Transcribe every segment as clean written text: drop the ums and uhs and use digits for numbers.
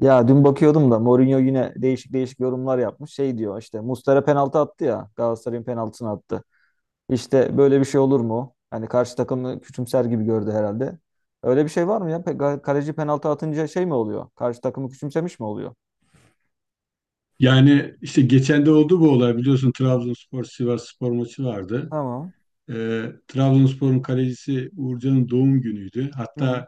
Ya dün bakıyordum da Mourinho yine değişik değişik yorumlar yapmış. Şey diyor işte Muslera penaltı attı ya. Galatasaray'ın penaltısını attı. İşte böyle bir şey olur mu? Hani karşı takımı küçümser gibi gördü herhalde. Öyle bir şey var mı ya? Kaleci penaltı atınca şey mi oluyor? Karşı takımı küçümsemiş mi oluyor? Yani işte geçen de oldu bu olay biliyorsun, Trabzonspor Sivasspor maçı vardı. Tamam. Trabzonspor'un kalecisi Uğurcan'ın doğum günüydü. Hı hı. Hatta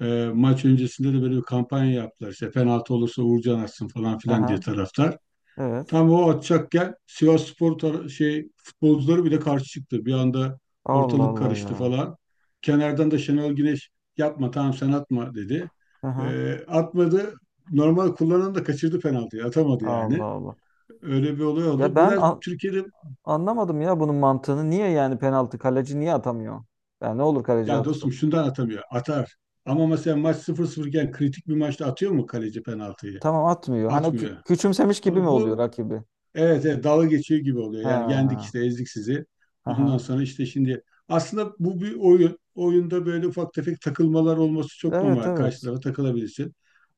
maç öncesinde de böyle bir kampanya yaptılar. İşte penaltı olursa Uğurcan atsın falan filan diye Aha. taraftar. Evet. Tam o atacakken Sivasspor şey futbolcuları bile karşı çıktı. Bir anda Allah ortalık Allah ya. karıştı falan. Kenardan da Şenol Güneş yapma, tamam, sen atma dedi. Aha. Atmadı. Normal kullanan da kaçırdı penaltıyı. Atamadı Allah yani. Allah. Öyle bir olay Ya oldu. ben Biraz an- Türkiye'de Anlamadım ya bunun mantığını. Niye yani penaltı kaleci niye atamıyor? Ya ne olur kaleci ya dostum atsa. şundan atamıyor. Atar. Ama mesela maç sıfır 0 iken kritik bir maçta atıyor mu kaleci penaltıyı? Tamam atmıyor. Hani o Atmıyor. küçümsemiş gibi mi oluyor Bu rakibi? evet, evet, dalga geçiyor gibi oluyor. Yani yendik Ha. işte, ezdik sizi. Ondan Aha. sonra işte şimdi aslında bu bir oyun. Oyunda böyle ufak tefek takılmalar olması çok Evet normal. Karşı evet. tarafa takılabilirsin.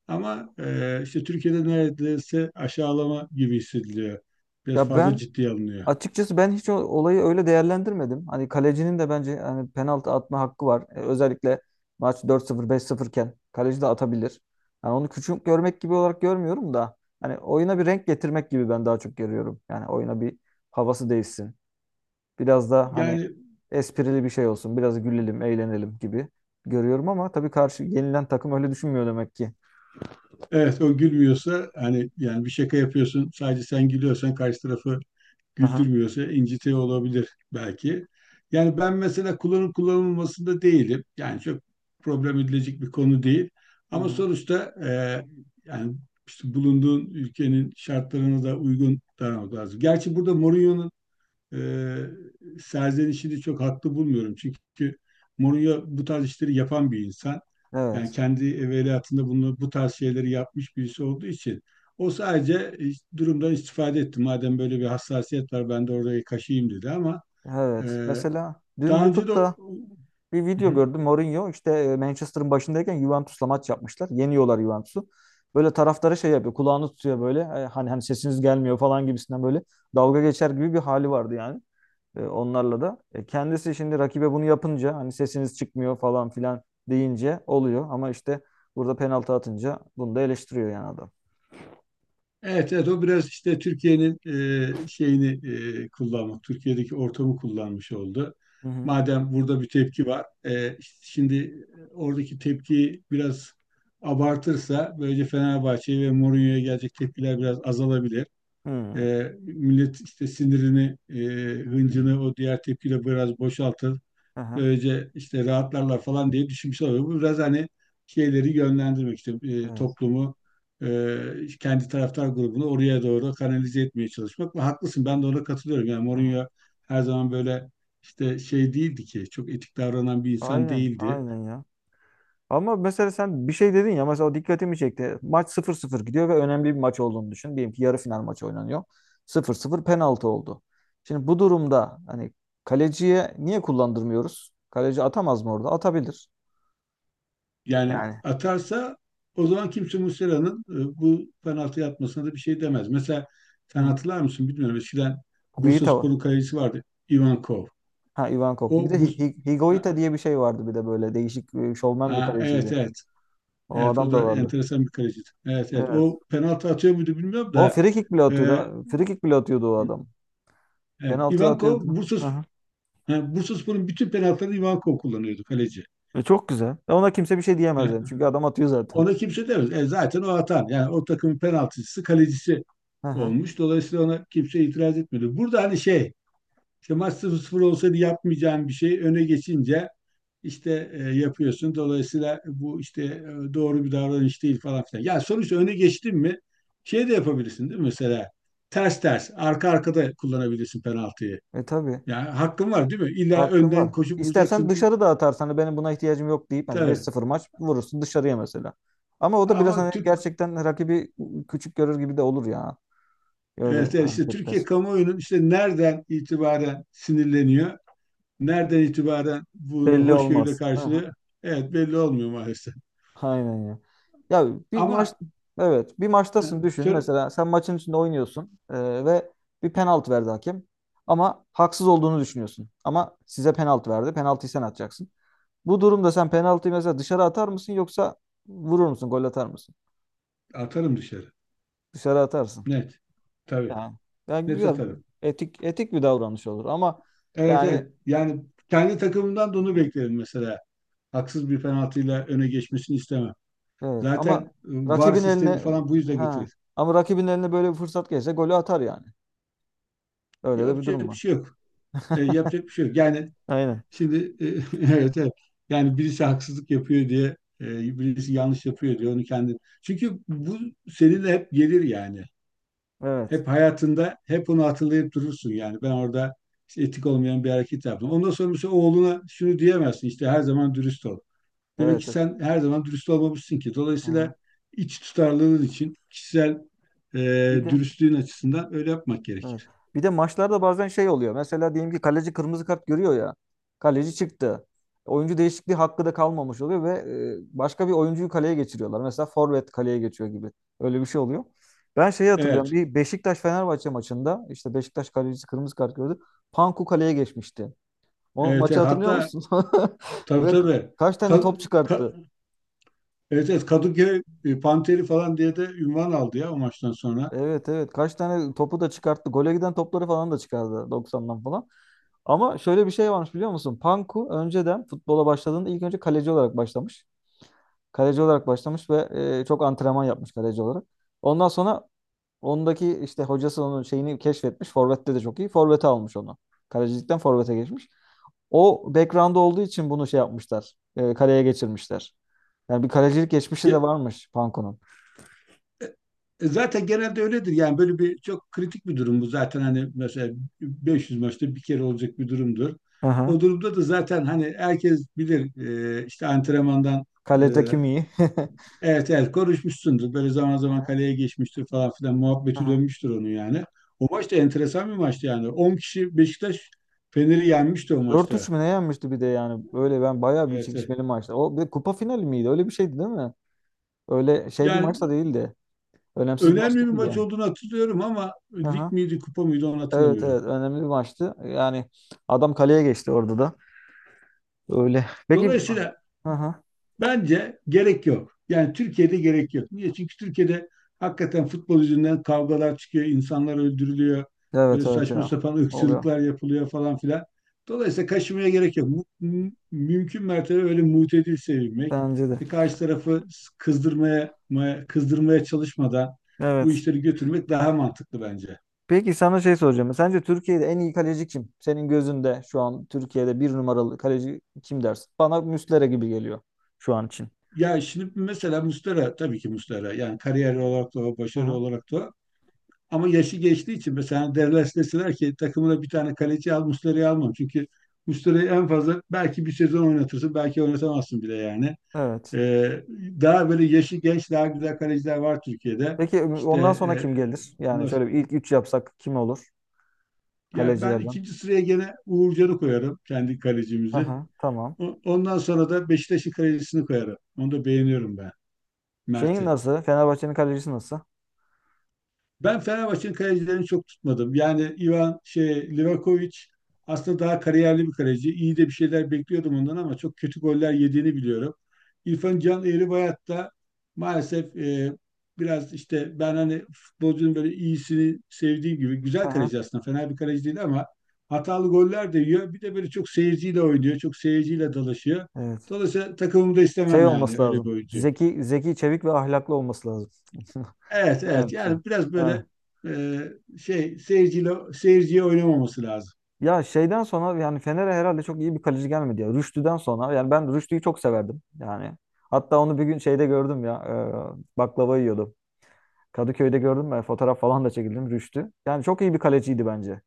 Ama işte Türkiye'de neredeyse aşağılama gibi hissediliyor. Biraz Ya fazla ben ciddiye alınıyor. açıkçası ben hiç olayı öyle değerlendirmedim. Hani kalecinin de bence hani penaltı atma hakkı var. E, özellikle maç 4-0 5-0 iken kaleci de atabilir. Yani onu küçük görmek gibi olarak görmüyorum da hani oyuna bir renk getirmek gibi ben daha çok görüyorum. Yani oyuna bir havası değişsin. Biraz da hani Yani esprili bir şey olsun. Biraz gülelim, eğlenelim gibi görüyorum ama tabii karşı yenilen takım öyle düşünmüyor demek ki. evet, o gülmüyorsa, hani yani bir şaka yapıyorsun, sadece sen gülüyorsan, karşı tarafı Aha. güldürmüyorsa incitiyor olabilir belki. Yani ben mesela kullanıp kullanılmasında değilim. Yani çok problem edilecek bir konu değil. Hı Ama hı. sonuçta yani işte bulunduğun ülkenin şartlarına da uygun davranmak lazım. Gerçi burada Mourinho'nun e, serzenişini çok haklı bulmuyorum. Çünkü Mourinho bu tarz işleri yapan bir insan. Yani Evet. kendi evveliyatında bunu bu tarz şeyleri yapmış birisi olduğu için o sadece durumdan istifade etti. Madem böyle bir hassasiyet var, ben de orayı kaşıyayım dedi. Ama e, Evet. Mesela dün daha önce de YouTube'da bir hı video hı. gördüm. Mourinho işte Manchester'ın başındayken Juventus'la maç yapmışlar. Yeniyorlar Juventus'u. Böyle taraftarı şey yapıyor. Kulağını tutuyor böyle. E, hani sesiniz gelmiyor falan gibisinden böyle dalga geçer gibi bir hali vardı yani. E, onlarla da. E, kendisi şimdi rakibe bunu yapınca hani sesiniz çıkmıyor falan filan deyince oluyor. Ama işte burada penaltı atınca bunu da eleştiriyor yani adam. Evet, evet, o biraz işte Türkiye'nin şeyini kullanmak, Türkiye'deki ortamı kullanmış oldu. Hı hı. Madem burada bir tepki var, işte şimdi oradaki tepkiyi biraz abartırsa, böylece Fenerbahçe'ye ve Mourinho'ya gelecek tepkiler biraz azalabilir. Hmm. Millet işte sinirini, hıncını o diğer tepkiyle biraz boşaltır, Aha. böylece işte rahatlarlar falan diye düşünmüşler oluyor. Bu biraz hani şeyleri yönlendirmek işte, Evet. toplumu kendi taraftar grubunu oraya doğru kanalize etmeye çalışmak. Ve haklısın, ben de ona katılıyorum. Yani Aha. Mourinho her zaman böyle işte şey değildi ki, çok etik davranan bir insan Aynen. değildi. Aynen ya. Ama mesela sen bir şey dedin ya mesela o dikkatimi çekti. Maç sıfır sıfır gidiyor ve önemli bir maç olduğunu düşün. Diyelim ki yarı final maçı oynanıyor. Sıfır sıfır penaltı oldu. Şimdi bu durumda hani kaleciye niye kullandırmıyoruz? Kaleci atamaz mı orada? Atabilir. Yani Yani. atarsa o zaman kimse Muslera'nın bu penaltıyı atmasına da bir şey demez. Mesela Hı sen hı. hatırlar mısın bilmiyorum. Eskiden Higuita var. Bursaspor'un kalecisi vardı. Ivankov. Ha Ivankov. O Bir de ha, Higuita diye bir şey vardı bir de böyle değişik şovmen bir ha, evet, kaleciydi. evet. O Evet, o adam da da vardı. enteresan bir kaleciydi. Evet evet, Evet. o penaltı atıyor muydu bilmiyorum O da free kick bile e, atıyordu. Free kick bile atıyordu o adam. evet, Penaltı Ivankov atıyordu. Hı hı. ha, Bursaspor'un bütün penaltılarını Ivankov kullanıyordu, kaleci. E çok güzel. E, ona kimse bir şey diyemez Ha, yani. Çünkü adam atıyor zaten. ona kimse demez. E, zaten o atan, yani o takımın penaltıcısı, kalecisi Hı hı. olmuş. Dolayısıyla ona kimse itiraz etmedi. Burada hani şey, İşte maç 0-0 olsaydı yapmayacağın bir şey öne geçince işte yapıyorsun. Dolayısıyla bu işte doğru bir davranış değil falan filan. Ya sonuçta öne geçtin mi şey de yapabilirsin değil mi mesela? Ters ters arka arkada kullanabilirsin penaltıyı. E tabii. Yani hakkın var değil mi? İlla Hakkın var. önden koşup İstersen vuracaksın diye. dışarı da atarsan hani benim buna ihtiyacım yok deyip hani Tabii. 5-0 maç vurursun dışarıya mesela. Ama o da biraz hani Ama gerçekten rakibi küçük görür gibi de olur ya. Öyle evet, evet, işte Türkiye hareketler. kamuoyunun işte nereden itibaren sinirleniyor? Nereden itibaren bunu Belli hoşgörüyle olmaz. Hı hı. karşılıyor? Evet, belli olmuyor maalesef. Aynen ya. Ya bir maç Ama evet bir e, maçtasın düşün söyle, mesela sen maçın içinde oynuyorsun ve bir penaltı verdi hakem ama haksız olduğunu düşünüyorsun ama size penaltı verdi penaltıyı sen atacaksın. Bu durumda sen penaltıyı mesela dışarı atar mısın yoksa vurur musun, gol atar mısın? atarım dışarı. Dışarı atarsın. Net. Tabii. Yani, yani Net güzel, atarım. etik etik bir davranış olur ama Evet yani evet. Yani kendi takımımdan da onu beklerim mesela. Haksız bir penaltıyla öne geçmesini istemem. evet Zaten ama VAR rakibin sistemi eline falan bu yüzden ha getirir. ama rakibin eline böyle bir fırsat geçse golü atar yani. Öyle de bir Yapacak durum bir var. şey yok. E, yapacak bir şey yok. Yani Aynen. şimdi e, evet evet. Yani birisi haksızlık yapıyor diye, birisi yanlış yapıyor diye onu kendi. Çünkü bu seninle hep gelir yani. Evet. Hep hayatında hep onu hatırlayıp durursun yani. Ben orada işte etik olmayan bir hareket yaptım. Ondan sonra mesela oğluna şunu diyemezsin işte, her zaman dürüst ol. Demek ki Evet. Evet. sen her zaman dürüst olmamışsın ki. Dolayısıyla Aha. iç tutarlılığın için, kişisel e, Bir de dürüstlüğün açısından öyle yapmak evet. gerekir. Bir de maçlarda bazen şey oluyor. Mesela diyelim ki kaleci kırmızı kart görüyor ya. Kaleci çıktı. Oyuncu değişikliği hakkı da kalmamış oluyor ve başka bir oyuncuyu kaleye geçiriyorlar. Mesela forvet kaleye geçiyor gibi. Öyle bir şey oluyor. Ben şeyi hatırlıyorum. Evet, Bir Beşiktaş-Fenerbahçe maçında işte Beşiktaş kalecisi kırmızı kart gördü. Panku kaleye geçmişti. O evet, maçı evet. hatırlıyor Hatta musun? tabii Ve tabii. kaç tane top Ka- çıkarttı? ka- Evet evet, Kadıköy Panteri falan diye de ünvan aldı ya o maçtan sonra. Evet evet. Kaç tane topu da çıkarttı. Gole giden topları falan da çıkardı 90'dan falan. Ama şöyle bir şey varmış biliyor musun? Panku önceden futbola başladığında ilk önce kaleci olarak başlamış. Kaleci olarak başlamış ve çok antrenman yapmış kaleci olarak. Ondan sonra ondaki işte hocası onun şeyini keşfetmiş. Forvet'te de çok iyi. Forvet'e almış onu. Kalecilikten forvete geçmiş. O background olduğu için bunu şey yapmışlar. E, kaleye geçirmişler. Yani bir kalecilik geçmişi Ya de varmış Panku'nun. Zaten genelde öyledir. Yani böyle bir çok kritik bir durum bu. Zaten hani mesela 500 maçta bir kere olacak bir durumdur. O Aha. durumda da zaten hani herkes bilir, işte antrenmandan e, Kalede kim iyi? evet evet konuşmuşsundur. Böyle zaman zaman kaleye geçmiştir falan filan muhabbeti Aha. dönmüştür onun yani. O maç da enteresan bir maçtı yani. 10 kişi Beşiktaş Fener'i yenmişti o 4-3 maçta. mü ne yenmişti bir de yani. Böyle ben bayağı bir Evet. Evet. çekişmeli maçtı. O bir de kupa finali miydi? Öyle bir şeydi değil mi? Öyle şey bir Yani maç da değildi. Önemsiz bir maç önemli bir değildi maç yani. olduğunu hatırlıyorum ama lig Aha. miydi kupa mıydı onu Evet hatırlamıyorum. evet önemli bir maçtı. Yani adam kaleye geçti orada da. Öyle. Peki Dolayısıyla aha. bence gerek yok. Yani Türkiye'de gerek yok. Niye? Çünkü Türkiye'de hakikaten futbol yüzünden kavgalar çıkıyor, insanlar öldürülüyor, böyle Evet evet saçma ya. sapan Oluyor. ırkçılıklar yapılıyor falan filan. Dolayısıyla kaşımaya gerek yok. Mümkün mertebe öyle mutedil sevilmek, Bence de. işte karşı tarafı kızdırmaya çalışmadan bu Evet. işleri götürmek daha mantıklı bence. Peki sana şey soracağım. Sence Türkiye'de en iyi kaleci kim? Senin gözünde şu an Türkiye'de bir numaralı kaleci kim dersin? Bana Muslera gibi geliyor şu an için. Ya şimdi mesela Mustara, tabii ki Mustara, yani kariyer olarak da o, Hı başarı hı. olarak da o. Ama yaşı geçtiği için mesela Dallas deseler ki takımına bir tane kaleci al, Muslera'yı almam. Çünkü Muslera'yı en fazla belki bir sezon oynatırsın, belki oynatamazsın bile yani. Evet. Ee, daha böyle yaşı genç, daha güzel kaleciler var Türkiye'de. Peki İşte ondan sonra kim gelir? Yani onlar, şöyle bir ilk üç yapsak kim olur ya ben kalecilerden? ikinci sıraya gene Uğurcan'ı koyarım, kendi kalecimizi. Aha, tamam. Ondan sonra da Beşiktaş'ın kalecisini koyarım. Onu da beğeniyorum ben. Şeyin Mert'i. nasıl? Fenerbahçe'nin kalecisi nasıl? Ben Fenerbahçe'nin kalecilerini çok tutmadım. Yani Ivan şey Livakovic aslında daha kariyerli bir kaleci. İyi de bir şeyler bekliyordum ondan ama çok kötü goller yediğini biliyorum. İrfan Can Eğribayat da maalesef biraz işte, ben hani futbolcunun böyle iyisini sevdiğim gibi, güzel Aha, kaleci aslında, fena bir kaleci değil ama hatalı goller de yiyor. Bir de böyle çok seyirciyle oynuyor. Çok seyirciyle dalaşıyor. evet. Dolayısıyla takımımda Şey istemem yani olması öyle bir lazım. oyuncu. Zeki, zeki, çevik ve ahlaklı olması lazım. Evet, evet. Evet. Yani biraz böyle Aynen. Şey, seyirciyle, seyirciye oynamaması lazım. Ya şeyden sonra yani Fener'e herhalde çok iyi bir kaleci gelmedi ya. Rüştü'den sonra yani ben Rüştü'yü çok severdim yani. Hatta onu bir gün şeyde gördüm ya. Baklava yiyordu. Kadıköy'de gördüm ben fotoğraf falan da çekildim Rüştü. Yani çok iyi bir kaleciydi bence.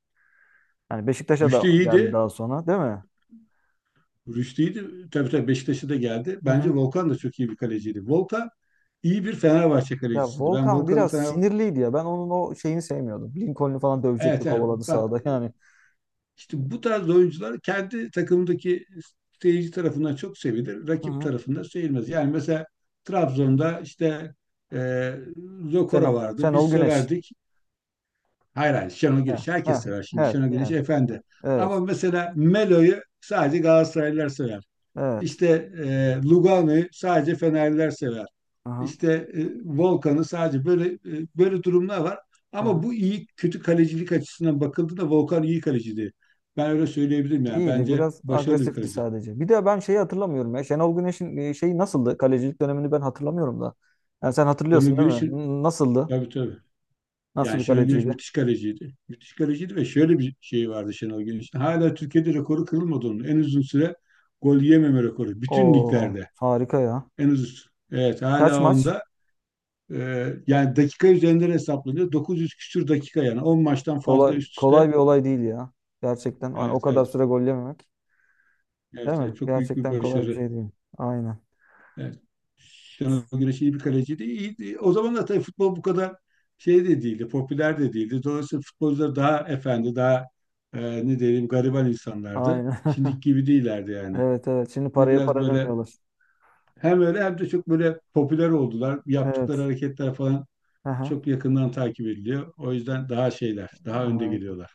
Yani Beşiktaş'a da Rüştü geldi iyiydi. daha sonra değil mi? Rüştü iyiydi. Tabii tabii, Beşiktaş'a da geldi. Hı Bence hı. Volkan da çok iyi bir kaleciydi. Volkan iyi bir Fenerbahçe Ya kalecisiydi. Ben Volkan Volkan'ın biraz Fener sinirliydi ya. Ben onun o şeyini sevmiyordum. Lincoln'u falan dövecekti evet, evet. kovaladı Bak, sahada yani. İşte bu tarz oyuncular kendi takımdaki seyirci tarafından çok sevilir. Hı Rakip hı. tarafından sevilmez. Yani mesela Trabzon'da işte e, Zokora Şenol, vardı. Biz Şenol Güneş. severdik. Hayır hayır, Şenol He, Güneş. he, Herkes sever he, şimdi Şenol he. Güneş efendi. Ama Evet, mesela Melo'yu sadece Galatasaraylılar sever. evet. İşte Lugano'yu sadece Fenerliler sever. Aha, İşte Volkan'ı sadece böyle böyle durumlar var. Ama aha. bu iyi kötü kalecilik açısından bakıldığında Volkan iyi kaleciydi. Ben öyle söyleyebilirim yani. İyiydi Bence biraz başarılı bir agresifti kaleci. sadece. Bir de ben şeyi hatırlamıyorum ya. Şenol Güneş'in şeyi nasıldı? Kalecilik dönemini ben hatırlamıyorum da. Yani sen Şenol hatırlıyorsun değil mi? Güneş'in Nasıldı? tabii tabii. Nasıl Yani bir Şenol Güneş kaleciydi? müthiş kaleciydi. Müthiş kaleciydi ve şöyle bir şey vardı Şenol Güneş'in. Hala Türkiye'de rekoru kırılmadı onun. En uzun süre gol yememe rekoru. Bütün O liglerde. harika ya. En uzun. Evet, Kaç hala maç? onda. Yani dakika üzerinden hesaplanıyor. 900 küsür dakika yani. 10 maçtan fazla Kolay üst kolay üste. bir olay değil ya. Gerçekten yani o Evet, kadar evet. süre gol yememek, değil Evet, mi? evet, çok büyük bir Gerçekten kolay bir başarı. şey değil. Aynen. Evet. Şenol Güneş iyi bir kaleciydi. İyiydi. O zamanlar tabii futbol bu kadar şey de değildi, popüler de değildi. Dolayısıyla futbolcular daha efendi, daha ne diyelim, gariban insanlardı. Aynen. Şimdiki gibi değillerdi yani. Evet evet. Şimdi Şimdi paraya biraz para böyle demiyorlar. hem öyle, hem de çok böyle popüler oldular. Yaptıkları Evet. hareketler falan Aha. çok yakından takip ediliyor. O yüzden daha şeyler, daha önde Aynen. geliyorlar.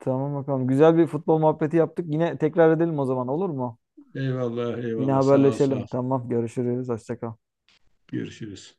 Tamam bakalım. Güzel bir futbol muhabbeti yaptık. Yine tekrar edelim o zaman olur mu? Eyvallah, Yine eyvallah. Sağ ol, sağ haberleşelim. ol. Tamam. Görüşürüz. Hoşça kal. Görüşürüz.